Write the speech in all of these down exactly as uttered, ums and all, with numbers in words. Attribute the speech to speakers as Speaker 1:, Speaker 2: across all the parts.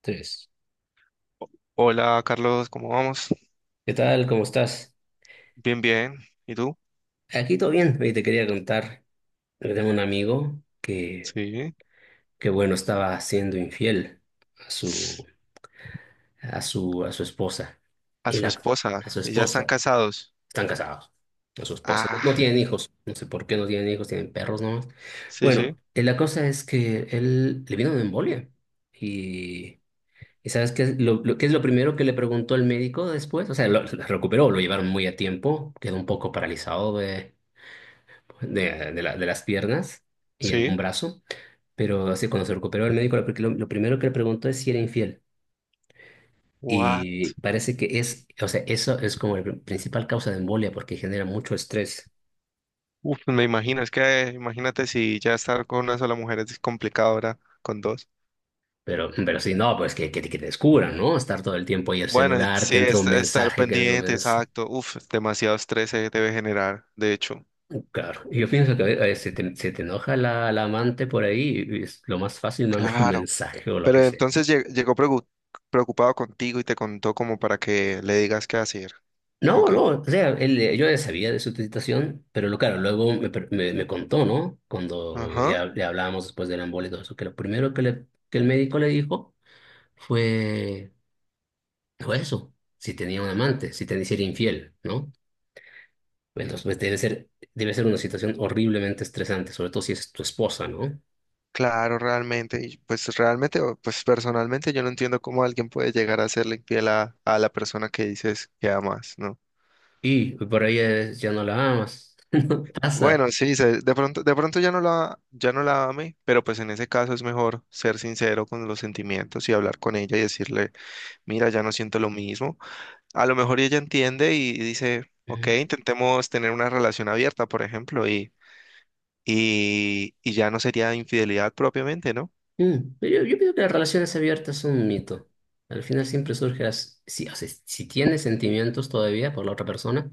Speaker 1: Tres.
Speaker 2: Hola Carlos, ¿cómo vamos?
Speaker 1: ¿Qué tal? ¿Cómo estás?
Speaker 2: Bien, bien. ¿Y tú?
Speaker 1: Aquí todo bien. Oye, te quería contar, que tengo un amigo que,
Speaker 2: Sí.
Speaker 1: que bueno, estaba siendo infiel a su, a su, a su esposa.
Speaker 2: A
Speaker 1: Y
Speaker 2: su
Speaker 1: la,
Speaker 2: esposa.
Speaker 1: a su
Speaker 2: ¿Y ya están
Speaker 1: esposa.
Speaker 2: casados?
Speaker 1: Están casados. A su esposa. No, no
Speaker 2: Ah,
Speaker 1: tienen hijos. No sé por qué no tienen hijos, tienen perros nomás.
Speaker 2: sí,
Speaker 1: Bueno,
Speaker 2: sí,
Speaker 1: eh, la cosa es que él le vino una embolia. Y, y ¿sabes qué es lo, lo- qué es lo primero que le preguntó el médico después? O sea, lo, lo recuperó, lo llevaron muy a tiempo. Quedó un poco paralizado de de, de la- de las piernas y algún
Speaker 2: sí.
Speaker 1: brazo, pero así cuando se recuperó el médico, lo, pri- lo primero que le preguntó es si era infiel.
Speaker 2: What?
Speaker 1: Y parece que es, o sea, eso es como la pr- principal causa de embolia porque genera mucho estrés.
Speaker 2: Uf, pues me imagino, es que imagínate si ya estar con una sola mujer es complicado ahora con dos.
Speaker 1: Pero, pero si no, pues que, que, te que te descubran, ¿no? Estar todo el tiempo ahí el
Speaker 2: Bueno,
Speaker 1: celular, que
Speaker 2: sí,
Speaker 1: entra
Speaker 2: es,
Speaker 1: un
Speaker 2: estar
Speaker 1: mensaje, que entra un
Speaker 2: pendiente,
Speaker 1: mensaje.
Speaker 2: exacto. Uf, demasiado estrés se debe generar, de hecho.
Speaker 1: Claro, yo pienso que a veces se te, se te enoja la, la amante por ahí y es lo más fácil mandar un
Speaker 2: Claro.
Speaker 1: mensaje o lo
Speaker 2: Pero
Speaker 1: que sea.
Speaker 2: entonces lle- llegó pregu- preocupado contigo y te contó como para que le digas qué hacer.
Speaker 1: No,
Speaker 2: Ok.
Speaker 1: no, o sea, él, yo ya sabía de su situación, pero lo, claro, luego me, per- me, me contó, ¿no? Cuando
Speaker 2: Ajá.
Speaker 1: ya le hablábamos después del embole y todo eso, que lo primero que, le, que el médico le dijo fue, fue eso, si tenía un amante, si tenía, si era infiel, ¿no? Entonces, pues debe ser, debe ser una situación horriblemente estresante, sobre todo si es tu esposa, ¿no?
Speaker 2: Claro, realmente, y pues realmente, o- pues personalmente yo no entiendo cómo alguien puede llegar a serle infiel a, a la persona que dices que amas, ¿no?
Speaker 1: Y por ahí es- ya no la amas, ¿qué pasa?
Speaker 2: Bueno, sí, se- de pronto, de pronto ya no la, ya no la ame, pero pues en ese caso es mejor ser sincero con los sentimientos y hablar con ella y decirle, mira, ya no siento lo mismo. A lo mejor ella entiende y dice, ok, intentemos tener una relación abierta, por ejemplo, y, y, y ya no sería infidelidad propiamente, ¿no?
Speaker 1: Mm, pero yo, yo pienso que las relaciones abiertas son un mito. Al final siempre surge las- si, o sea, si tienes sentimientos todavía por la otra persona,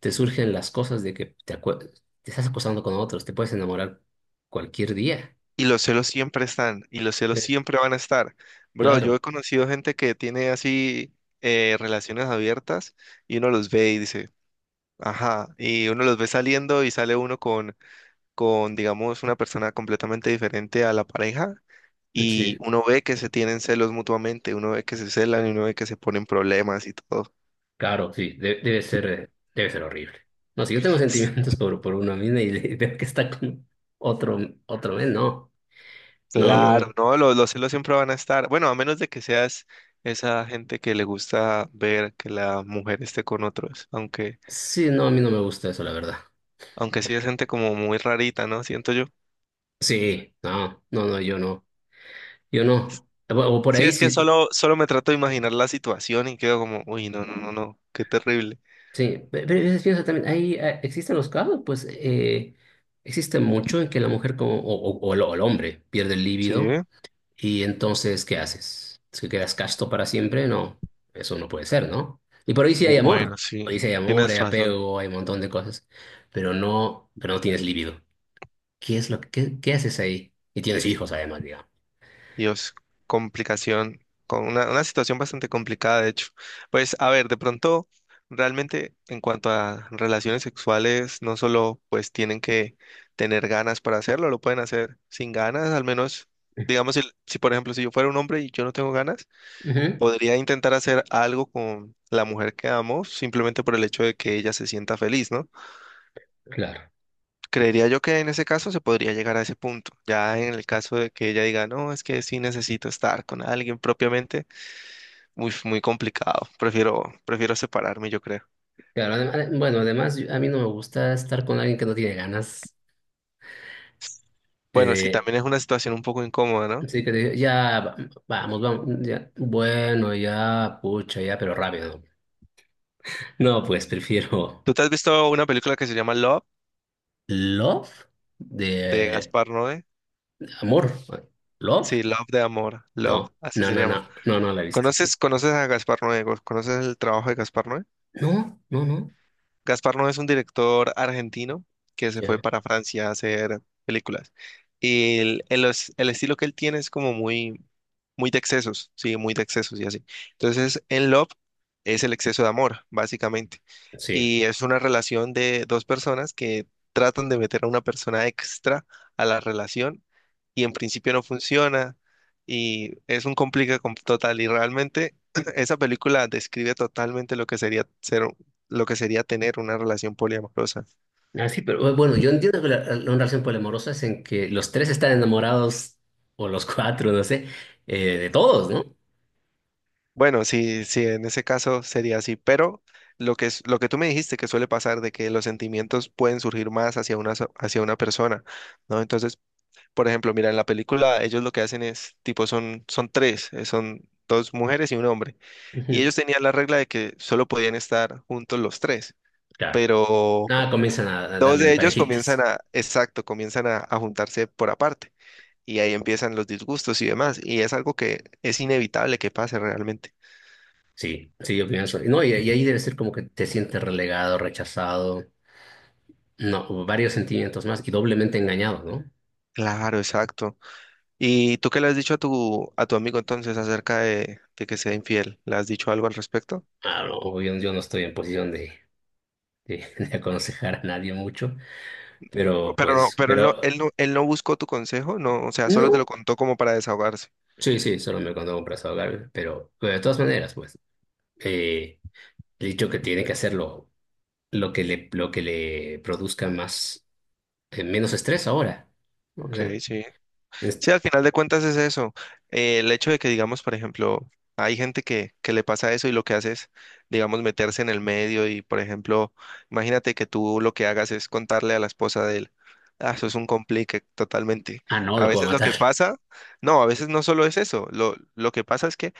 Speaker 1: te surgen las cosas de que te, acue- te estás acostando con otros, te puedes enamorar cualquier día.
Speaker 2: Y los celos siempre están, y los celos
Speaker 1: Sí.
Speaker 2: siempre van a estar. Bro, yo
Speaker 1: Claro,
Speaker 2: he conocido gente que tiene así, eh, relaciones abiertas y uno los ve y dice, ajá, y uno los ve saliendo y sale uno con, con, digamos, una persona completamente diferente a la pareja y
Speaker 1: sí,
Speaker 2: uno ve que se tienen celos mutuamente, uno ve que se celan y uno ve que se ponen problemas y todo.
Speaker 1: claro, sí, de- debe ser, eh, debe ser horrible. No, si yo tengo
Speaker 2: S-
Speaker 1: sentimientos por, por una mina y le- veo que está con otro, otro men, no, no,
Speaker 2: Claro,
Speaker 1: no.
Speaker 2: no, los, los celos siempre van a estar. Bueno, a menos de que seas esa gente que le gusta ver que la mujer esté con otros, aunque...
Speaker 1: Sí, no, a mí no me gusta eso, la verdad.
Speaker 2: Aunque sí es gente como muy rarita, ¿no? Siento yo.
Speaker 1: Sí, no, no, no, yo no. Yo no. O, o por
Speaker 2: Sí,
Speaker 1: ahí
Speaker 2: es que
Speaker 1: sí.
Speaker 2: solo, solo me trato de imaginar la situación y quedo como, uy, no, no, no, no, qué terrible.
Speaker 1: Sí, Pe- pero a veces pienso también, ahí eh, existen los casos, pues eh, existe mucho en que la mujer como, o, o- o el o el hombre pierde el
Speaker 2: Sí, ¿eh?
Speaker 1: líbido y entonces, ¿qué haces? ¿Es que quedas casto para siempre? No, eso no puede ser, ¿no? Y por ahí sí hay
Speaker 2: Bueno,
Speaker 1: amor,
Speaker 2: sí,
Speaker 1: por ahí sí hay amor,
Speaker 2: tienes
Speaker 1: hay
Speaker 2: razón.
Speaker 1: apego, hay un montón de cosas, pero no, pero no tienes líbido. ¿Qué es lo que, qué, qué haces ahí? Y tienes hijos además, digamos.
Speaker 2: Dios, complicación, con una, una situación bastante complicada, de hecho. Pues, a ver, de pronto, realmente, en cuanto a relaciones sexuales, no solo, pues, tienen que tener ganas para hacerlo, lo pueden hacer sin ganas, al menos, digamos, si, si por ejemplo, si yo fuera un hombre y yo no tengo ganas,
Speaker 1: Ujú.
Speaker 2: podría intentar hacer algo con la mujer que amo simplemente por el hecho de que ella se sienta feliz, ¿no?
Speaker 1: Claro.
Speaker 2: Creería yo que en ese caso se podría llegar a ese punto. Ya en el caso de que ella diga, no, es que sí necesito estar con alguien propiamente, muy, muy complicado. Prefiero, prefiero separarme, yo creo.
Speaker 1: Claro, adem- adem- bueno, además yo- a mí no me gusta estar con alguien que no tiene ganas.
Speaker 2: Bueno, sí,
Speaker 1: Eh,
Speaker 2: también es una situación un poco incómoda, ¿no?
Speaker 1: sí que te- ya, vamos, vamos, ya, bueno, ya, pucha, ya, pero rápido. No, pues prefiero
Speaker 2: ¿Tú te has visto una película que se llama Love
Speaker 1: Love
Speaker 2: de
Speaker 1: de
Speaker 2: Gaspar Noé?
Speaker 1: amor. ¿Love?
Speaker 2: Sí, Love de amor, Love,
Speaker 1: No,
Speaker 2: así
Speaker 1: no,
Speaker 2: se
Speaker 1: no,
Speaker 2: llama.
Speaker 1: no, no, no la he visto.
Speaker 2: ¿Conoces, conoces a Gaspar Noé? ¿Conoces el trabajo de Gaspar Noé?
Speaker 1: No, no, no,
Speaker 2: Gaspar no es un director argentino que se fue
Speaker 1: ya,
Speaker 2: para Francia a hacer películas. Y el, el es- el estilo que él tiene es como muy, muy de excesos, sí, muy de excesos y así. Entonces, en Love es el exceso de amor, básicamente.
Speaker 1: sí.
Speaker 2: Y es una relación de dos personas que tratan de meter a una persona extra a la relación y en principio no funciona y es un complica con- total y realmente esa película describe totalmente lo que sería ser lo que sería tener una relación poliamorosa.
Speaker 1: Ah, sí, pero bueno, yo entiendo que la, la relación poliamorosa es en que los tres están enamorados, o los cuatro, no sé, eh, de todos, ¿no?
Speaker 2: Bueno, sí, sí, en ese caso sería así, pero lo que es, lo que tú me dijiste que suele pasar de que los sentimientos pueden surgir más hacia una, so- hacia una persona, ¿no? Entonces, por ejemplo, mira, en la película ellos lo que hacen es, tipo, son, son tres, eh, son dos mujeres y un hombre, y
Speaker 1: Ujú.
Speaker 2: ellos tenían la regla de que solo podían estar juntos los tres,
Speaker 1: Claro.
Speaker 2: pero
Speaker 1: Nada, comienzan a, a
Speaker 2: dos
Speaker 1: darle
Speaker 2: de
Speaker 1: en
Speaker 2: ellos comienzan
Speaker 1: parejitas.
Speaker 2: a, exacto, comienzan a a juntarse por aparte. Y ahí empiezan los disgustos y demás. Y es algo que es inevitable que pase realmente.
Speaker 1: Sí, sí, yo pienso. No, y, y ahí debe ser como que te sientes relegado, rechazado, no, varios sentimientos más y doblemente engañado, ¿no?
Speaker 2: Claro, exacto. ¿Y tú qué le has dicho a tu, a tu amigo entonces acerca de, de que sea infiel? ¿Le has dicho algo al respecto?
Speaker 1: Ah, no, obvio, yo, no estoy en posición de, de, de aconsejar a nadie mucho, pero
Speaker 2: Pero no,
Speaker 1: pues,
Speaker 2: pero él no,
Speaker 1: pero
Speaker 2: él no, él no buscó tu consejo, no, o sea, solo te lo
Speaker 1: no,
Speaker 2: contó como para desahogarse.
Speaker 1: sí, sí, solo me cuando compras a ahogar, pero, pero de todas maneras, pues, eh, he dicho que tiene que hacerlo lo que le, lo que le produzca más, eh, menos estrés ahora, ¿no? O
Speaker 2: Ok,
Speaker 1: sea,
Speaker 2: sí.
Speaker 1: es-
Speaker 2: Sí, al final de cuentas es eso. Eh, el hecho de que, digamos, por ejemplo, hay gente que, que le pasa eso y lo que hace es, digamos, meterse en el medio y, por ejemplo, imagínate que tú lo que hagas es contarle a la esposa de él. Ah, eso es un complique totalmente.
Speaker 1: ah, no,
Speaker 2: A
Speaker 1: lo puedo
Speaker 2: veces lo
Speaker 1: matar.
Speaker 2: que pasa, no, a veces no solo es eso. Lo, lo que pasa es que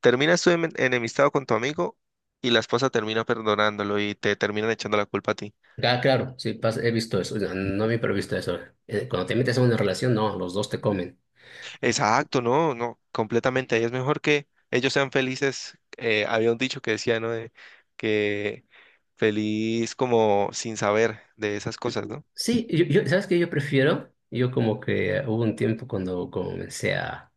Speaker 2: terminas tú en- enemistado con tu amigo y la esposa termina perdonándolo y te terminan echando la culpa a ti.
Speaker 1: Ah, claro, sí, pas- he visto eso. No, no me he visto eso. Eh, cuando te metes en una relación, no, los dos te comen.
Speaker 2: Exacto, no, no, completamente. Ahí es mejor que ellos sean felices. Eh, había un dicho que decía, ¿no? De que feliz como sin saber de esas cosas, ¿no?
Speaker 1: Sí, yo, yo- ¿sabes qué yo prefiero? Yo como que hubo un tiempo cuando comencé a,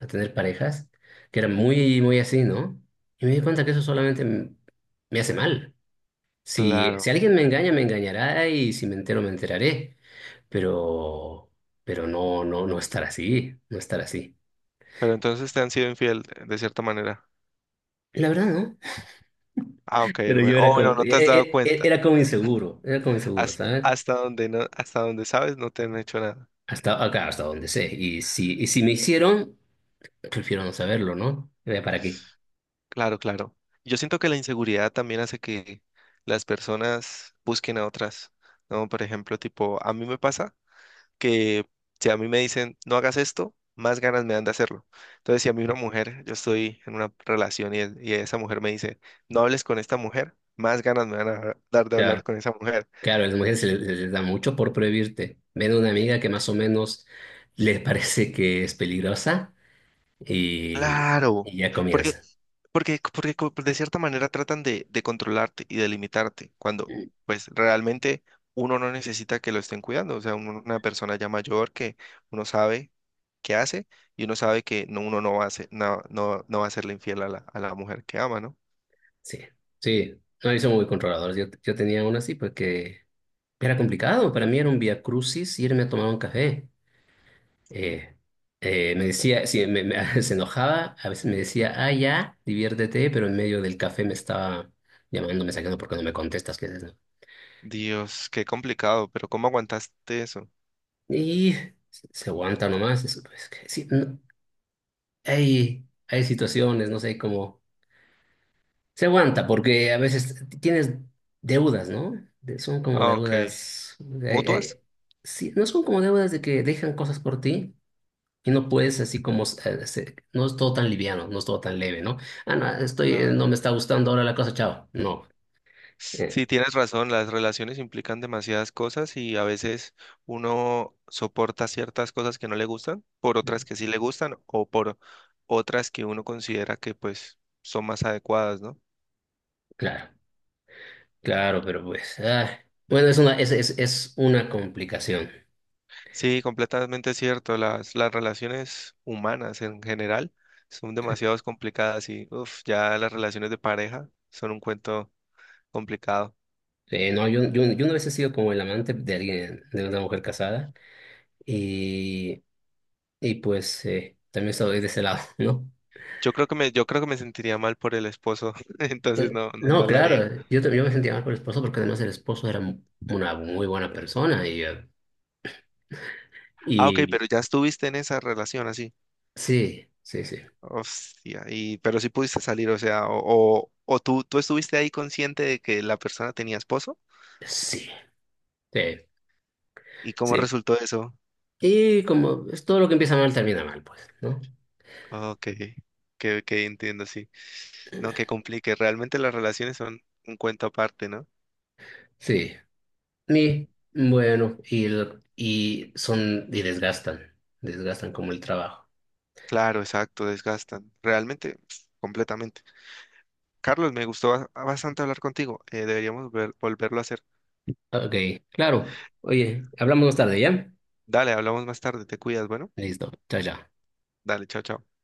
Speaker 1: a tener parejas que era muy, muy así, ¿no? Y me di cuenta que eso solamente m- me hace mal. Si,
Speaker 2: Claro.
Speaker 1: si alguien me engaña, me engañará y si me entero, me enteraré. Pero, pero no, no, no estar así, no estar así.
Speaker 2: Pero entonces te han sido infiel, de de cierta manera.
Speaker 1: La verdad, ¿no?
Speaker 2: Ah, ok,
Speaker 1: Pero
Speaker 2: bueno.
Speaker 1: yo era
Speaker 2: Oh, bueno,
Speaker 1: como,
Speaker 2: no te has dado
Speaker 1: e- e- e-
Speaker 2: cuenta.
Speaker 1: era como inseguro, era como inseguro,
Speaker 2: Has-
Speaker 1: ¿sabes?
Speaker 2: Hasta, donde no, hasta donde sabes, no te han hecho nada.
Speaker 1: Hasta acá, hasta donde sé. Y si, y si me hicieron, prefiero no saberlo, ¿no? Eh, ¿para qué?
Speaker 2: Claro, claro. Yo siento que la inseguridad también hace que las personas busquen a otras, ¿no? Por ejemplo, tipo, a mí me pasa que si a mí me dicen no hagas esto, más ganas me dan de hacerlo. Entonces, si a mí una mujer, yo estoy en una relación y, el- y esa mujer me dice no hables con esta mujer, más ganas me van a dar de hablar
Speaker 1: Claro,
Speaker 2: con esa mujer.
Speaker 1: claro, a las mujeres se les, se les da mucho por prohibirte. Ven a una amiga que más o menos les parece que es peligrosa y,
Speaker 2: Claro,
Speaker 1: y ya
Speaker 2: porque,
Speaker 1: comienza.
Speaker 2: porque, porque co- de cierta manera tratan de, de controlarte y de limitarte, cuando pues realmente uno no necesita que lo estén cuidando. O sea, uno- una persona ya mayor que uno sabe qué hace y uno sabe que no, uno no va a ser, no, no, no va a serle infiel a la, a la mujer que ama, ¿no?
Speaker 1: Sí, sí, no, ellos son muy controladores. Yo, yo tenía una así porque era complicado. Para mí era un vía crucis irme a tomar un café. Eh, eh, me decía, sí, me- me- se enojaba, a veces me decía, ah, ya, diviértete, pero en medio del café me estaba llamando, me sacando porque no me contestas, ¿qué haces, no?
Speaker 2: Dios, qué complicado, pero ¿cómo aguantaste eso?
Speaker 1: Y se se aguanta nomás, es, es que sí, no, hay, hay situaciones, no sé cómo, se aguanta porque a veces t- tienes deudas, ¿no? De- son como
Speaker 2: Ah, ok.
Speaker 1: deudas, hay- hay-
Speaker 2: ¿Mutuas?
Speaker 1: sí, no son como deudas de que dejan cosas por ti, y no puedes así como, eh, se- no es todo tan liviano, no es todo tan leve, ¿no? Ah, no, estoy, eh, no
Speaker 2: Claro.
Speaker 1: me está gustando ahora la cosa, chao. No,
Speaker 2: Sí,
Speaker 1: eh,
Speaker 2: tienes razón, las relaciones implican demasiadas cosas y a veces uno soporta ciertas cosas que no le gustan por
Speaker 1: eh,
Speaker 2: otras que sí le gustan o por otras que uno considera que pues son más adecuadas, ¿no?
Speaker 1: claro, claro, pero pues, ah, bueno, es una, es, es, es una complicación.
Speaker 2: Sí, completamente cierto, las, las relaciones humanas en general son demasiado complicadas y uf, ya las relaciones de pareja son un cuento complicado.
Speaker 1: Eh, no, yo, yo, yo una vez he sido como el amante de alguien, de una mujer casada, y, y pues eh, también estoy de ese lado, ¿no?
Speaker 2: Yo creo que me, yo creo que me sentiría mal por el esposo, entonces
Speaker 1: Eh,
Speaker 2: no, no,
Speaker 1: no,
Speaker 2: no lo
Speaker 1: claro,
Speaker 2: haría.
Speaker 1: yo, también- yo me sentía mal por el esposo porque además el esposo era mu- una muy buena persona y, eh,
Speaker 2: Ah, ok,
Speaker 1: y
Speaker 2: pero ya estuviste en esa relación así.
Speaker 1: sí, sí, sí.
Speaker 2: Hostia, y, pero sí pudiste salir, o sea, o, o, o tú, tú estuviste ahí consciente de que la persona tenía esposo,
Speaker 1: Sí, sí,
Speaker 2: ¿y cómo
Speaker 1: sí.
Speaker 2: resultó eso?
Speaker 1: Y como es todo lo que empieza mal termina mal, pues, ¿no?
Speaker 2: Ok, que, que entiendo, sí. No, que complique, realmente las relaciones son un cuento aparte, ¿no?
Speaker 1: Sí. Y bueno, y, el- y son, y desgastan, desgastan como el trabajo.
Speaker 2: Claro, exacto, desgastan, realmente, pf, completamente. Carlos, me gustó ba- bastante hablar contigo, eh, deberíamos ver- volverlo a hacer.
Speaker 1: Ok, claro. Oye, hablamos más tarde, ¿ya?
Speaker 2: Dale, hablamos más tarde, te cuidas, bueno.
Speaker 1: Listo, chao, chao.
Speaker 2: Dale, chao, chao.